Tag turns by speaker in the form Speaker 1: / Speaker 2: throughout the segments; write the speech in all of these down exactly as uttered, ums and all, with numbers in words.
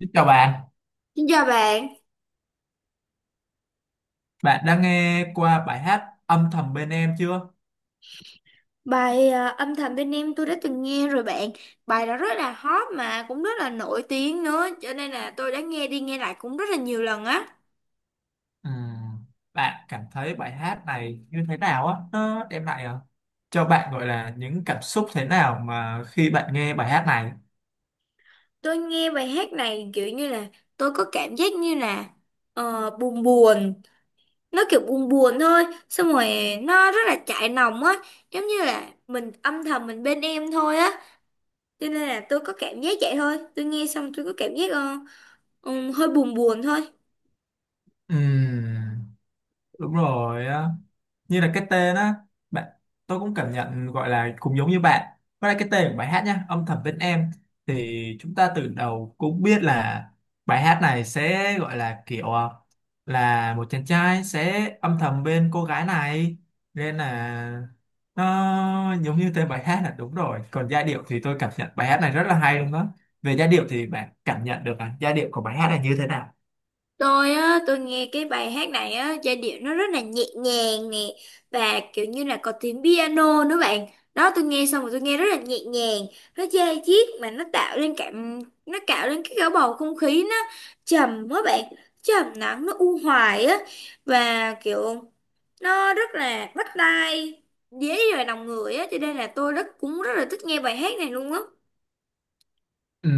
Speaker 1: Xin chào bạn,
Speaker 2: Xin chào bạn,
Speaker 1: bạn đã nghe qua bài hát Âm thầm bên em chưa?
Speaker 2: bài à, âm thầm bên em tôi đã từng nghe rồi bạn. Bài đó rất là hot mà cũng rất là nổi tiếng nữa. Cho nên là tôi đã nghe đi nghe lại cũng rất là nhiều lần á.
Speaker 1: Ừm, Bạn cảm thấy bài hát này như thế nào á? Nó đem lại ờ, cho bạn gọi là những cảm xúc thế nào mà khi bạn nghe bài hát này?
Speaker 2: Tôi nghe bài hát này kiểu như là tôi có cảm giác như là ờ, buồn buồn. Nó kiểu buồn buồn thôi. Xong rồi nó rất là chạnh lòng á. Giống như là mình âm thầm mình bên em thôi á. Cho nên là tôi có cảm giác vậy thôi. Tôi nghe xong tôi có cảm giác ờ, ừ, hơi buồn buồn thôi.
Speaker 1: Ừm, Đúng rồi á, như là cái tên á, bạn. Tôi cũng cảm nhận gọi là cũng giống như bạn, với lại cái tên của bài hát nhá, âm thầm bên em, thì chúng ta từ đầu cũng biết là bài hát này sẽ gọi là kiểu ờ, là một chàng trai sẽ âm thầm bên cô gái này, nên là nó giống như tên bài hát là đúng rồi. Còn giai điệu thì tôi cảm nhận bài hát này rất là hay luôn đó. Về giai điệu thì bạn cảm nhận được à, giai điệu của bài hát này như thế nào?
Speaker 2: Tôi á, tôi nghe cái bài hát này á, giai điệu nó rất là nhẹ nhàng nè và kiểu như là có tiếng piano nữa bạn. Đó, tôi nghe xong rồi tôi nghe rất là nhẹ nhàng, nó da diết mà nó tạo lên cảm nó tạo lên cái cả bầu không khí, nó trầm quá bạn, trầm lắng, nó u hoài á và kiểu nó rất là bắt tai, dễ vào lòng người á, cho nên là tôi rất cũng rất là thích nghe bài hát này luôn á.
Speaker 1: Ừ,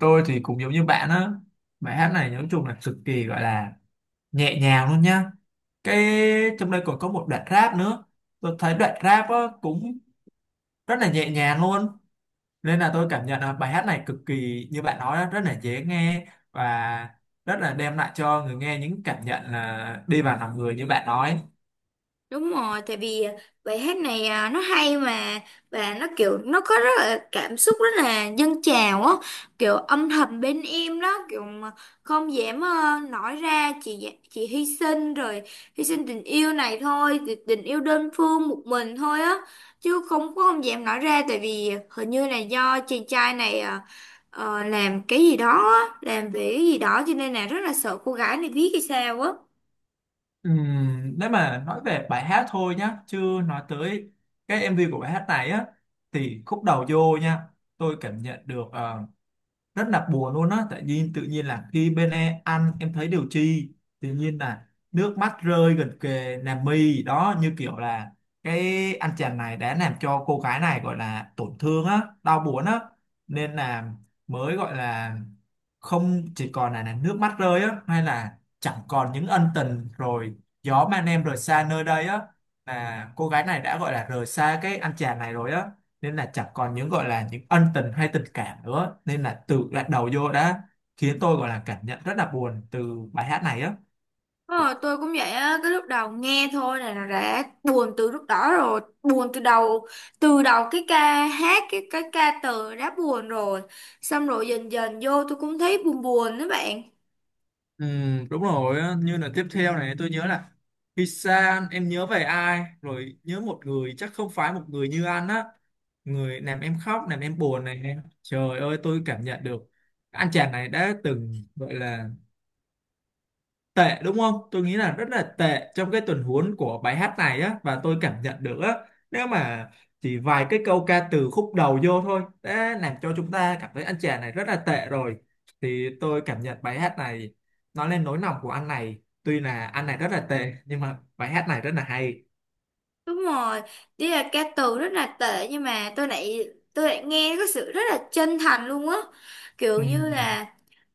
Speaker 1: tôi thì cũng giống như bạn á, bài hát này nói chung là cực kỳ gọi là nhẹ nhàng luôn nhá. Cái trong đây còn có một đoạn rap nữa, tôi thấy đoạn rap á, cũng rất là nhẹ nhàng luôn, nên là tôi cảm nhận là bài hát này cực kỳ như bạn nói á, rất là dễ nghe và rất là đem lại cho người nghe những cảm nhận là đi vào lòng người như bạn nói.
Speaker 2: Đúng rồi, tại vì bài hát này à, nó hay mà và nó kiểu nó có rất là cảm xúc, rất là dâng trào á, kiểu âm thầm bên em đó, kiểu mà không dám ờ, nói ra, chỉ dạ- chỉ hy sinh rồi, hy sinh tình yêu này thôi, thì tình yêu đơn phương một mình thôi á, chứ không có, không dám nói ra, tại vì hình như là do chàng trai này ờ, ờ, làm cái gì đó á, làm về cái gì đó, cho nên là rất là sợ cô gái này biết hay sao á.
Speaker 1: Ừ, nếu mà nói về bài hát thôi nhá, chứ nói tới cái em vi của bài hát này á, thì khúc đầu vô nha, tôi cảm nhận được ờ, rất là buồn luôn á, tại vì tự nhiên là khi bên em ăn em thấy điều chi, tự nhiên là nước mắt rơi gần kề làm mi đó, như kiểu là cái anh chàng này đã làm cho cô gái này gọi là tổn thương á, đau buồn á, nên là mới gọi là không chỉ còn là, là nước mắt rơi á, hay là chẳng còn những ân tình rồi, gió mang em rời xa nơi đây á, là cô gái này đã gọi là rời xa cái anh chàng này rồi á, nên là chẳng còn những gọi là những ân tình hay tình cảm nữa, nên là tự lại đầu vô đã khiến tôi gọi là cảm nhận rất là buồn từ bài hát này á.
Speaker 2: Ờ, tôi cũng vậy á, cái lúc đầu nghe thôi này là đã buồn từ lúc đó rồi, buồn từ đầu, từ đầu cái ca hát, cái cái ca từ đã buồn rồi. Xong rồi dần dần vô tôi cũng thấy buồn buồn đó bạn.
Speaker 1: Ừ, đúng rồi á, như là tiếp theo này tôi nhớ là khi xa anh, em nhớ về ai, rồi nhớ một người chắc không phải một người như anh á, người làm em khóc làm em buồn này em, trời ơi, tôi cảm nhận được anh chàng này đã từng gọi là tệ, đúng không? Tôi nghĩ là rất là tệ trong cái tuần huống của bài hát này á, và tôi cảm nhận được á, nếu mà chỉ vài cái câu ca từ khúc đầu vô thôi đã làm cho chúng ta cảm thấy anh chàng này rất là tệ rồi, thì tôi cảm nhận bài hát này nói lên nỗi lòng của anh này, tuy là anh này rất là tệ nhưng mà bài hát này rất là hay.
Speaker 2: Đúng rồi, đi là ca từ rất là tệ nhưng mà tôi lại tôi lại nghe có sự rất là chân thành luôn á. Kiểu như
Speaker 1: Ừm.
Speaker 2: là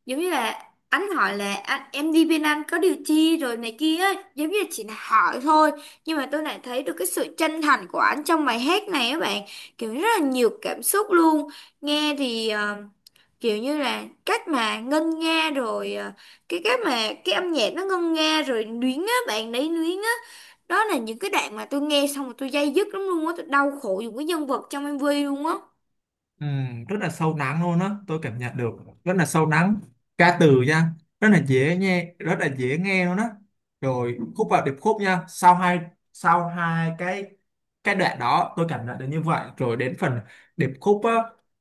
Speaker 2: giống như là anh hỏi là anh em đi bên anh có điều chi rồi này kia ấy. Giống như chỉ là hỏi thôi, nhưng mà tôi lại thấy được cái sự chân thành của anh trong bài hát này á bạn, kiểu rất là nhiều cảm xúc luôn. Nghe thì ờ, kiểu như là cách mà ngân nga rồi, ờ, cái cách mà cái âm nhạc nó ngân nga rồi luyến á bạn, đấy, luyến á. Đó là những cái đoạn mà tôi nghe xong rồi tôi day dứt lắm luôn á, tôi đau khổ dùng cái nhân vật trong em vê luôn á.
Speaker 1: Ừ, rất là sâu lắng luôn á, tôi cảm nhận được rất là sâu lắng. Ca từ nha, rất là dễ nghe, rất là dễ nghe luôn á. Rồi khúc vào điệp khúc nha, sau hai sau hai cái cái đoạn đó tôi cảm nhận được như vậy, rồi đến phần điệp khúc á,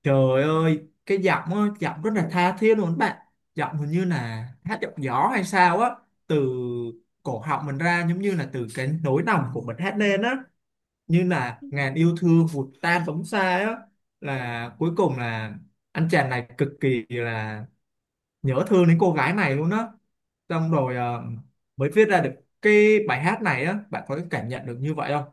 Speaker 1: trời ơi, cái giọng á, giọng rất là tha thiết luôn bạn. Giọng hình như là hát giọng gió hay sao á, từ cổ họng mình ra, giống như là từ cái nỗi lòng của mình hát lên á, như là ngàn yêu thương vụt tan phóng xa á, là cuối cùng là anh chàng này cực kỳ là nhớ thương đến cô gái này luôn á, xong rồi ờ, mới viết ra được cái bài hát này á. Bạn có cảm nhận được như vậy không?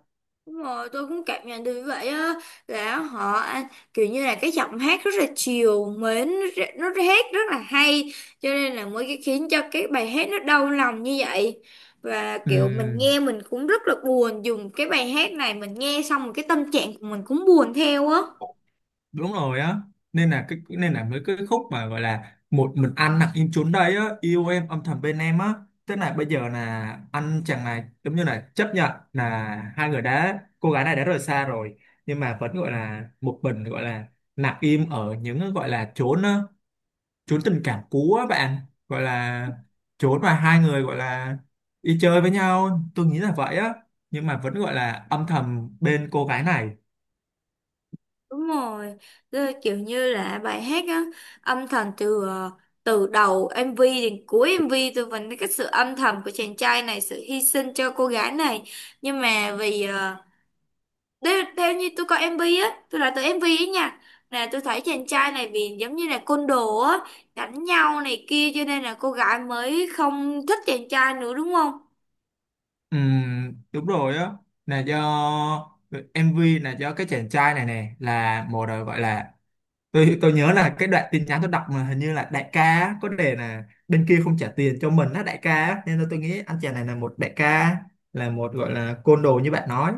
Speaker 2: Đúng rồi, tôi cũng cảm nhận được vậy á, là họ anh kiểu như là cái giọng hát rất là chiều mến, nó nó hát rất là hay, cho nên là mới cái khiến cho cái bài hát nó đau lòng như vậy. Và kiểu mình
Speaker 1: Ừm,
Speaker 2: nghe mình cũng rất là buồn dùng cái bài hát này, mình nghe xong rồi cái tâm trạng của mình cũng buồn theo á.
Speaker 1: Đúng rồi á, nên là cái nên là mấy cái khúc mà gọi là một mình anh nặng im chốn đây á, yêu em âm thầm bên em á, thế là bây giờ là anh chàng này giống như là chấp nhận là hai người đã, cô gái này đã rời xa rồi, nhưng mà vẫn gọi là một mình, gọi là nặng im ở những gọi là chốn á, chốn tình cảm cũ á bạn, gọi là chốn mà hai người gọi là đi chơi với nhau, tôi nghĩ là vậy á, nhưng mà vẫn gọi là âm thầm bên cô gái này.
Speaker 2: Đúng rồi, tức kiểu như là bài hát á, âm thầm từ ờ, từ đầu em vê đến cuối em vê tôi vẫn thấy cái sự âm thầm của chàng trai này, sự hy sinh cho cô gái này. Nhưng mà vì ờ, theo, theo như tôi coi em vê á, tôi là từ em vê ấy nha, là tôi thấy chàng trai này vì giống như là côn đồ á, đánh nhau này kia, cho nên là cô gái mới không thích chàng trai nữa, đúng không?
Speaker 1: Ừm, đúng rồi á, là do mờ vê, là do cái chàng trai này nè là một đời gọi là, tôi tôi nhớ là cái đoạn tin nhắn tôi đọc mà hình như là đại ca á, có đề là bên kia không trả tiền cho mình á, đại ca á. Nên là tôi nghĩ anh chàng này là một đại ca, là một gọi là côn đồ như bạn nói,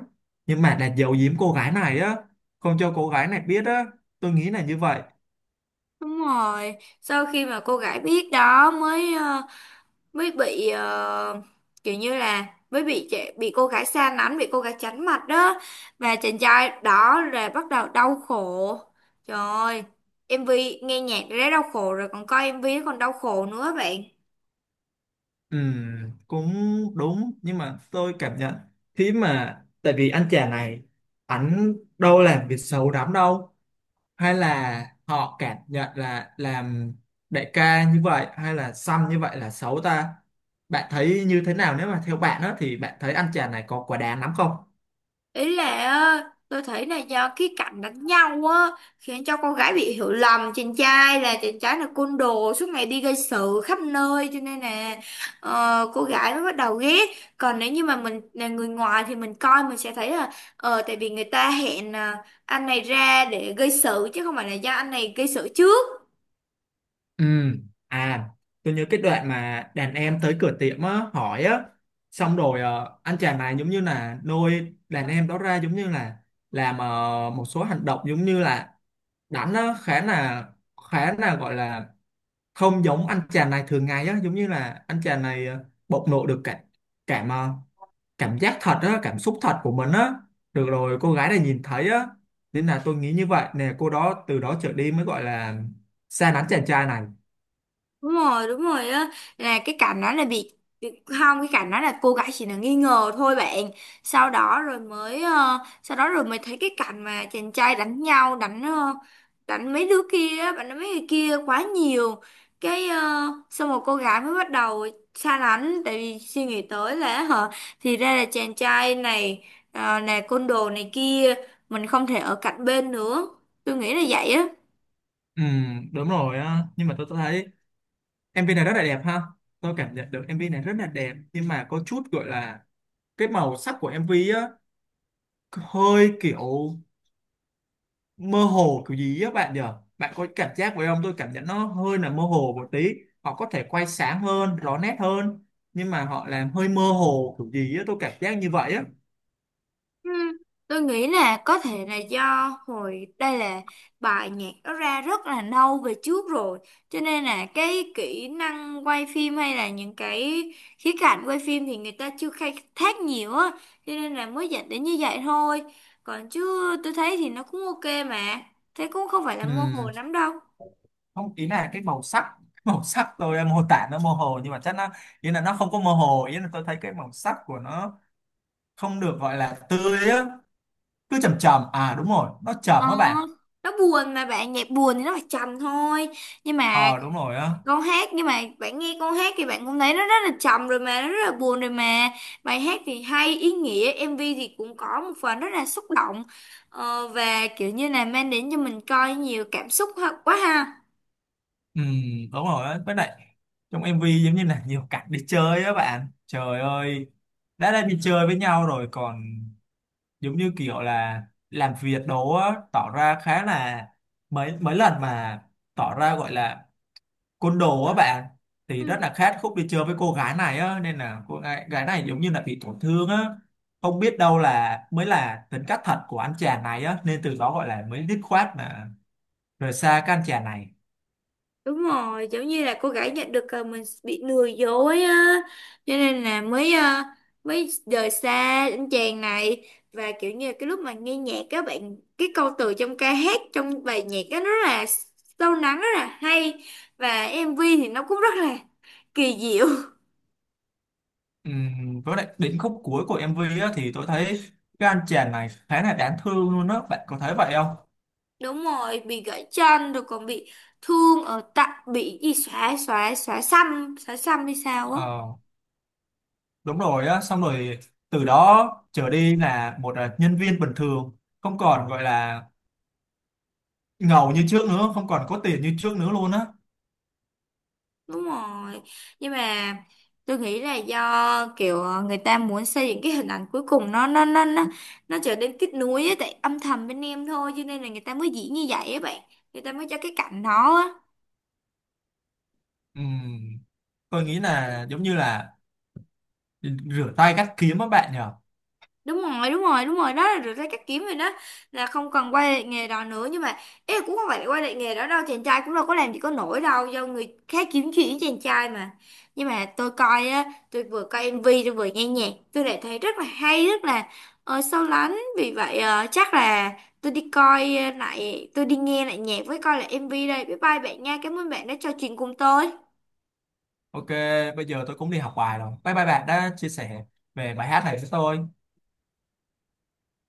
Speaker 1: nhưng mà là giấu giếm cô gái này á, không cho cô gái này biết á. Tôi nghĩ là như vậy.
Speaker 2: Đúng rồi, sau khi mà cô gái biết đó mới ờ, mới bị ờ, kiểu như là mới bị trẻ- bị cô gái xa lánh, bị cô gái tránh mặt đó, và chàng trai đó là bắt đầu đau khổ. Trời ơi, em vê nghe nhạc đã đau khổ rồi còn coi em nó còn đau khổ nữa bạn.
Speaker 1: Ừ, cũng đúng, nhưng mà tôi cảm nhận khi mà tại vì anh chàng này ảnh đâu làm việc xấu lắm đâu, hay là họ cảm nhận là làm đại ca như vậy hay là xăm như vậy là xấu ta? Bạn thấy như thế nào, nếu mà theo bạn đó thì bạn thấy anh chàng này có quá đáng lắm không?
Speaker 2: Ý là á, tôi thấy là do cái cảnh đánh nhau á khiến cho con gái bị hiểu lầm chàng trai, là chàng trai là côn đồ suốt ngày đi gây sự khắp nơi, cho nên là ờ, cô gái mới bắt đầu ghét. Còn nếu như mà mình là người ngoài thì mình coi mình sẽ thấy là ờ tại vì người ta hẹn à, anh này ra để gây sự chứ không phải là do anh này gây sự trước.
Speaker 1: Ừ. À, tôi nhớ cái đoạn mà đàn em tới cửa tiệm á, hỏi á, xong rồi ờ, anh chàng này giống như là nuôi đàn em đó ra, giống như là làm ờ, một số hành động, giống như là đánh á, khá là, khá là gọi là không giống anh chàng này thường ngày á, giống như là anh chàng này ờ, bộc lộ được cả cảm ờ, cảm giác thật á, cảm xúc thật của mình á, được rồi cô gái này nhìn thấy á, nên là tôi nghĩ như vậy nè, cô đó từ đó trở đi mới gọi là xa lánh chàng trai này.
Speaker 2: Đúng rồi, đúng rồi á, là cái cảnh đó là bị, không, cái cảnh đó là cô gái chỉ là nghi ngờ thôi bạn. Sau đó rồi mới ờ, sau đó rồi mới thấy cái cảnh mà chàng trai đánh nhau, đánh ờ, đánh mấy đứa kia á, bạn, đánh mấy người kia quá nhiều cái. ờ, Xong rồi cô gái mới bắt đầu xa lánh, tại vì suy nghĩ tới là, hả, thì ra là chàng trai này ờ, là côn đồ này kia, mình không thể ở cạnh bên nữa. Tôi nghĩ là vậy á.
Speaker 1: Ừ, đúng rồi á, nhưng mà tôi tôi thấy em MV này rất là đẹp ha. Tôi cảm nhận được em MV này rất là đẹp nhưng mà có chút gọi là cái màu sắc của em MV á hơi kiểu mơ hồ kiểu gì á bạn nhỉ? Bạn có cảm giác vậy không? Tôi cảm nhận nó hơi là mơ hồ một tí. Họ có thể quay sáng hơn, rõ nét hơn, nhưng mà họ làm hơi mơ hồ kiểu gì á, tôi cảm giác như vậy á.
Speaker 2: Ừ, tôi nghĩ là có thể là do hồi đây là bài nhạc nó ra rất là lâu về trước rồi, cho nên là cái kỹ năng quay phim hay là những cái khía cạnh quay phim thì người ta chưa khai thác nhiều á, cho nên là mới dẫn đến như vậy thôi. Còn chứ tôi thấy thì nó cũng ok mà, thế cũng không phải là mơ hồ
Speaker 1: Ừ,
Speaker 2: lắm đâu.
Speaker 1: không, ý là cái màu sắc màu sắc tôi mô tả nó mơ hồ nhưng mà chắc nó, ý là nó không có mơ hồ, ý là tôi thấy cái màu sắc của nó không được gọi là tươi á, cứ chầm chầm, à đúng rồi, nó
Speaker 2: Ờ,
Speaker 1: chầm á bạn.
Speaker 2: nó buồn mà bạn, nhạc buồn thì nó phải trầm thôi, nhưng mà
Speaker 1: Ờ đúng rồi á.
Speaker 2: con hát, nhưng mà bạn nghe con hát thì bạn cũng thấy nó rất là trầm rồi mà, nó rất là buồn rồi mà. Bài hát thì hay ý nghĩa, em vê thì cũng có một phần rất là xúc động, ờ, và kiểu như là mang đến cho mình coi nhiều cảm xúc ha- quá ha.
Speaker 1: Ừ, đúng rồi á, với lại trong em vi giống như là nhiều cảnh đi chơi á bạn, trời ơi, đã đang đi chơi với nhau rồi còn giống như kiểu là làm việc đồ á, tỏ ra khá là, mấy mấy lần mà tỏ ra gọi là côn đồ á bạn, thì rất là khát khúc đi chơi với cô gái này á, nên là cô gái, gái này giống như là bị tổn thương á, không biết đâu là mới là tính cách thật của anh chàng này á, nên từ đó gọi là mới dứt khoát mà rời xa cái anh chàng này.
Speaker 2: Đúng rồi, giống như là cô gái nhận được ờ, mình bị lừa dối á, cho nên là mới ờ, mới rời xa anh chàng này. Và kiểu như là cái lúc mà nghe nhạc các bạn, cái câu từ trong ca hát, trong bài nhạc á, nó rất là sâu lắng, rất là hay, và em MV thì nó cũng rất là kỳ diệu.
Speaker 1: Ừm, với lại đến khúc cuối của em vi á thì tôi thấy cái anh chàng này khá là đáng thương luôn á. Bạn có thấy vậy không?
Speaker 2: Đúng rồi, bị gãy chân rồi còn bị thương ở tặng, bị gì, xóa xóa xóa xăm, xóa xăm hay sao á.
Speaker 1: ờ, Đúng rồi á, xong rồi từ đó trở đi là một à, nhân viên bình thường, không còn gọi là ngầu như trước nữa, không còn có tiền như trước nữa luôn á.
Speaker 2: Đúng rồi. Nhưng mà tôi nghĩ là do kiểu ờ, người ta muốn xây dựng cái hình ảnh cuối cùng, nó nó nó nó nó trở nên kết nối ấy, tại âm thầm bên em thôi, cho nên là người ta mới diễn như vậy á bạn. Người ta mới cho cái cảnh đó á.
Speaker 1: Ừm, tôi nghĩ là giống như là rửa tay cắt kiếm các bạn nhờ.
Speaker 2: Đúng rồi đúng rồi đúng rồi, đó là được cái cách kiếm rồi đó, là không cần quay lại nghề đó nữa, nhưng mà ý là cũng không phải là quay lại nghề đó đâu, chàng trai cũng đâu có làm gì có nổi đâu, do người khác kiếm chuyện với chàng trai mà. Nhưng mà tôi coi á, tôi vừa coi em vê tôi vừa nghe nhạc, tôi lại thấy rất là hay, rất là ờ, sâu lắng. Vì vậy ờ, chắc là tôi đi coi lại, tôi đi nghe lại nhạc với coi lại em vê đây. Bye bye bạn nha, cảm ơn bạn đã trò chuyện cùng tôi.
Speaker 1: Ok, bây giờ tôi cũng đi học bài rồi. Bye bye bạn đã chia sẻ về bài hát này với tôi.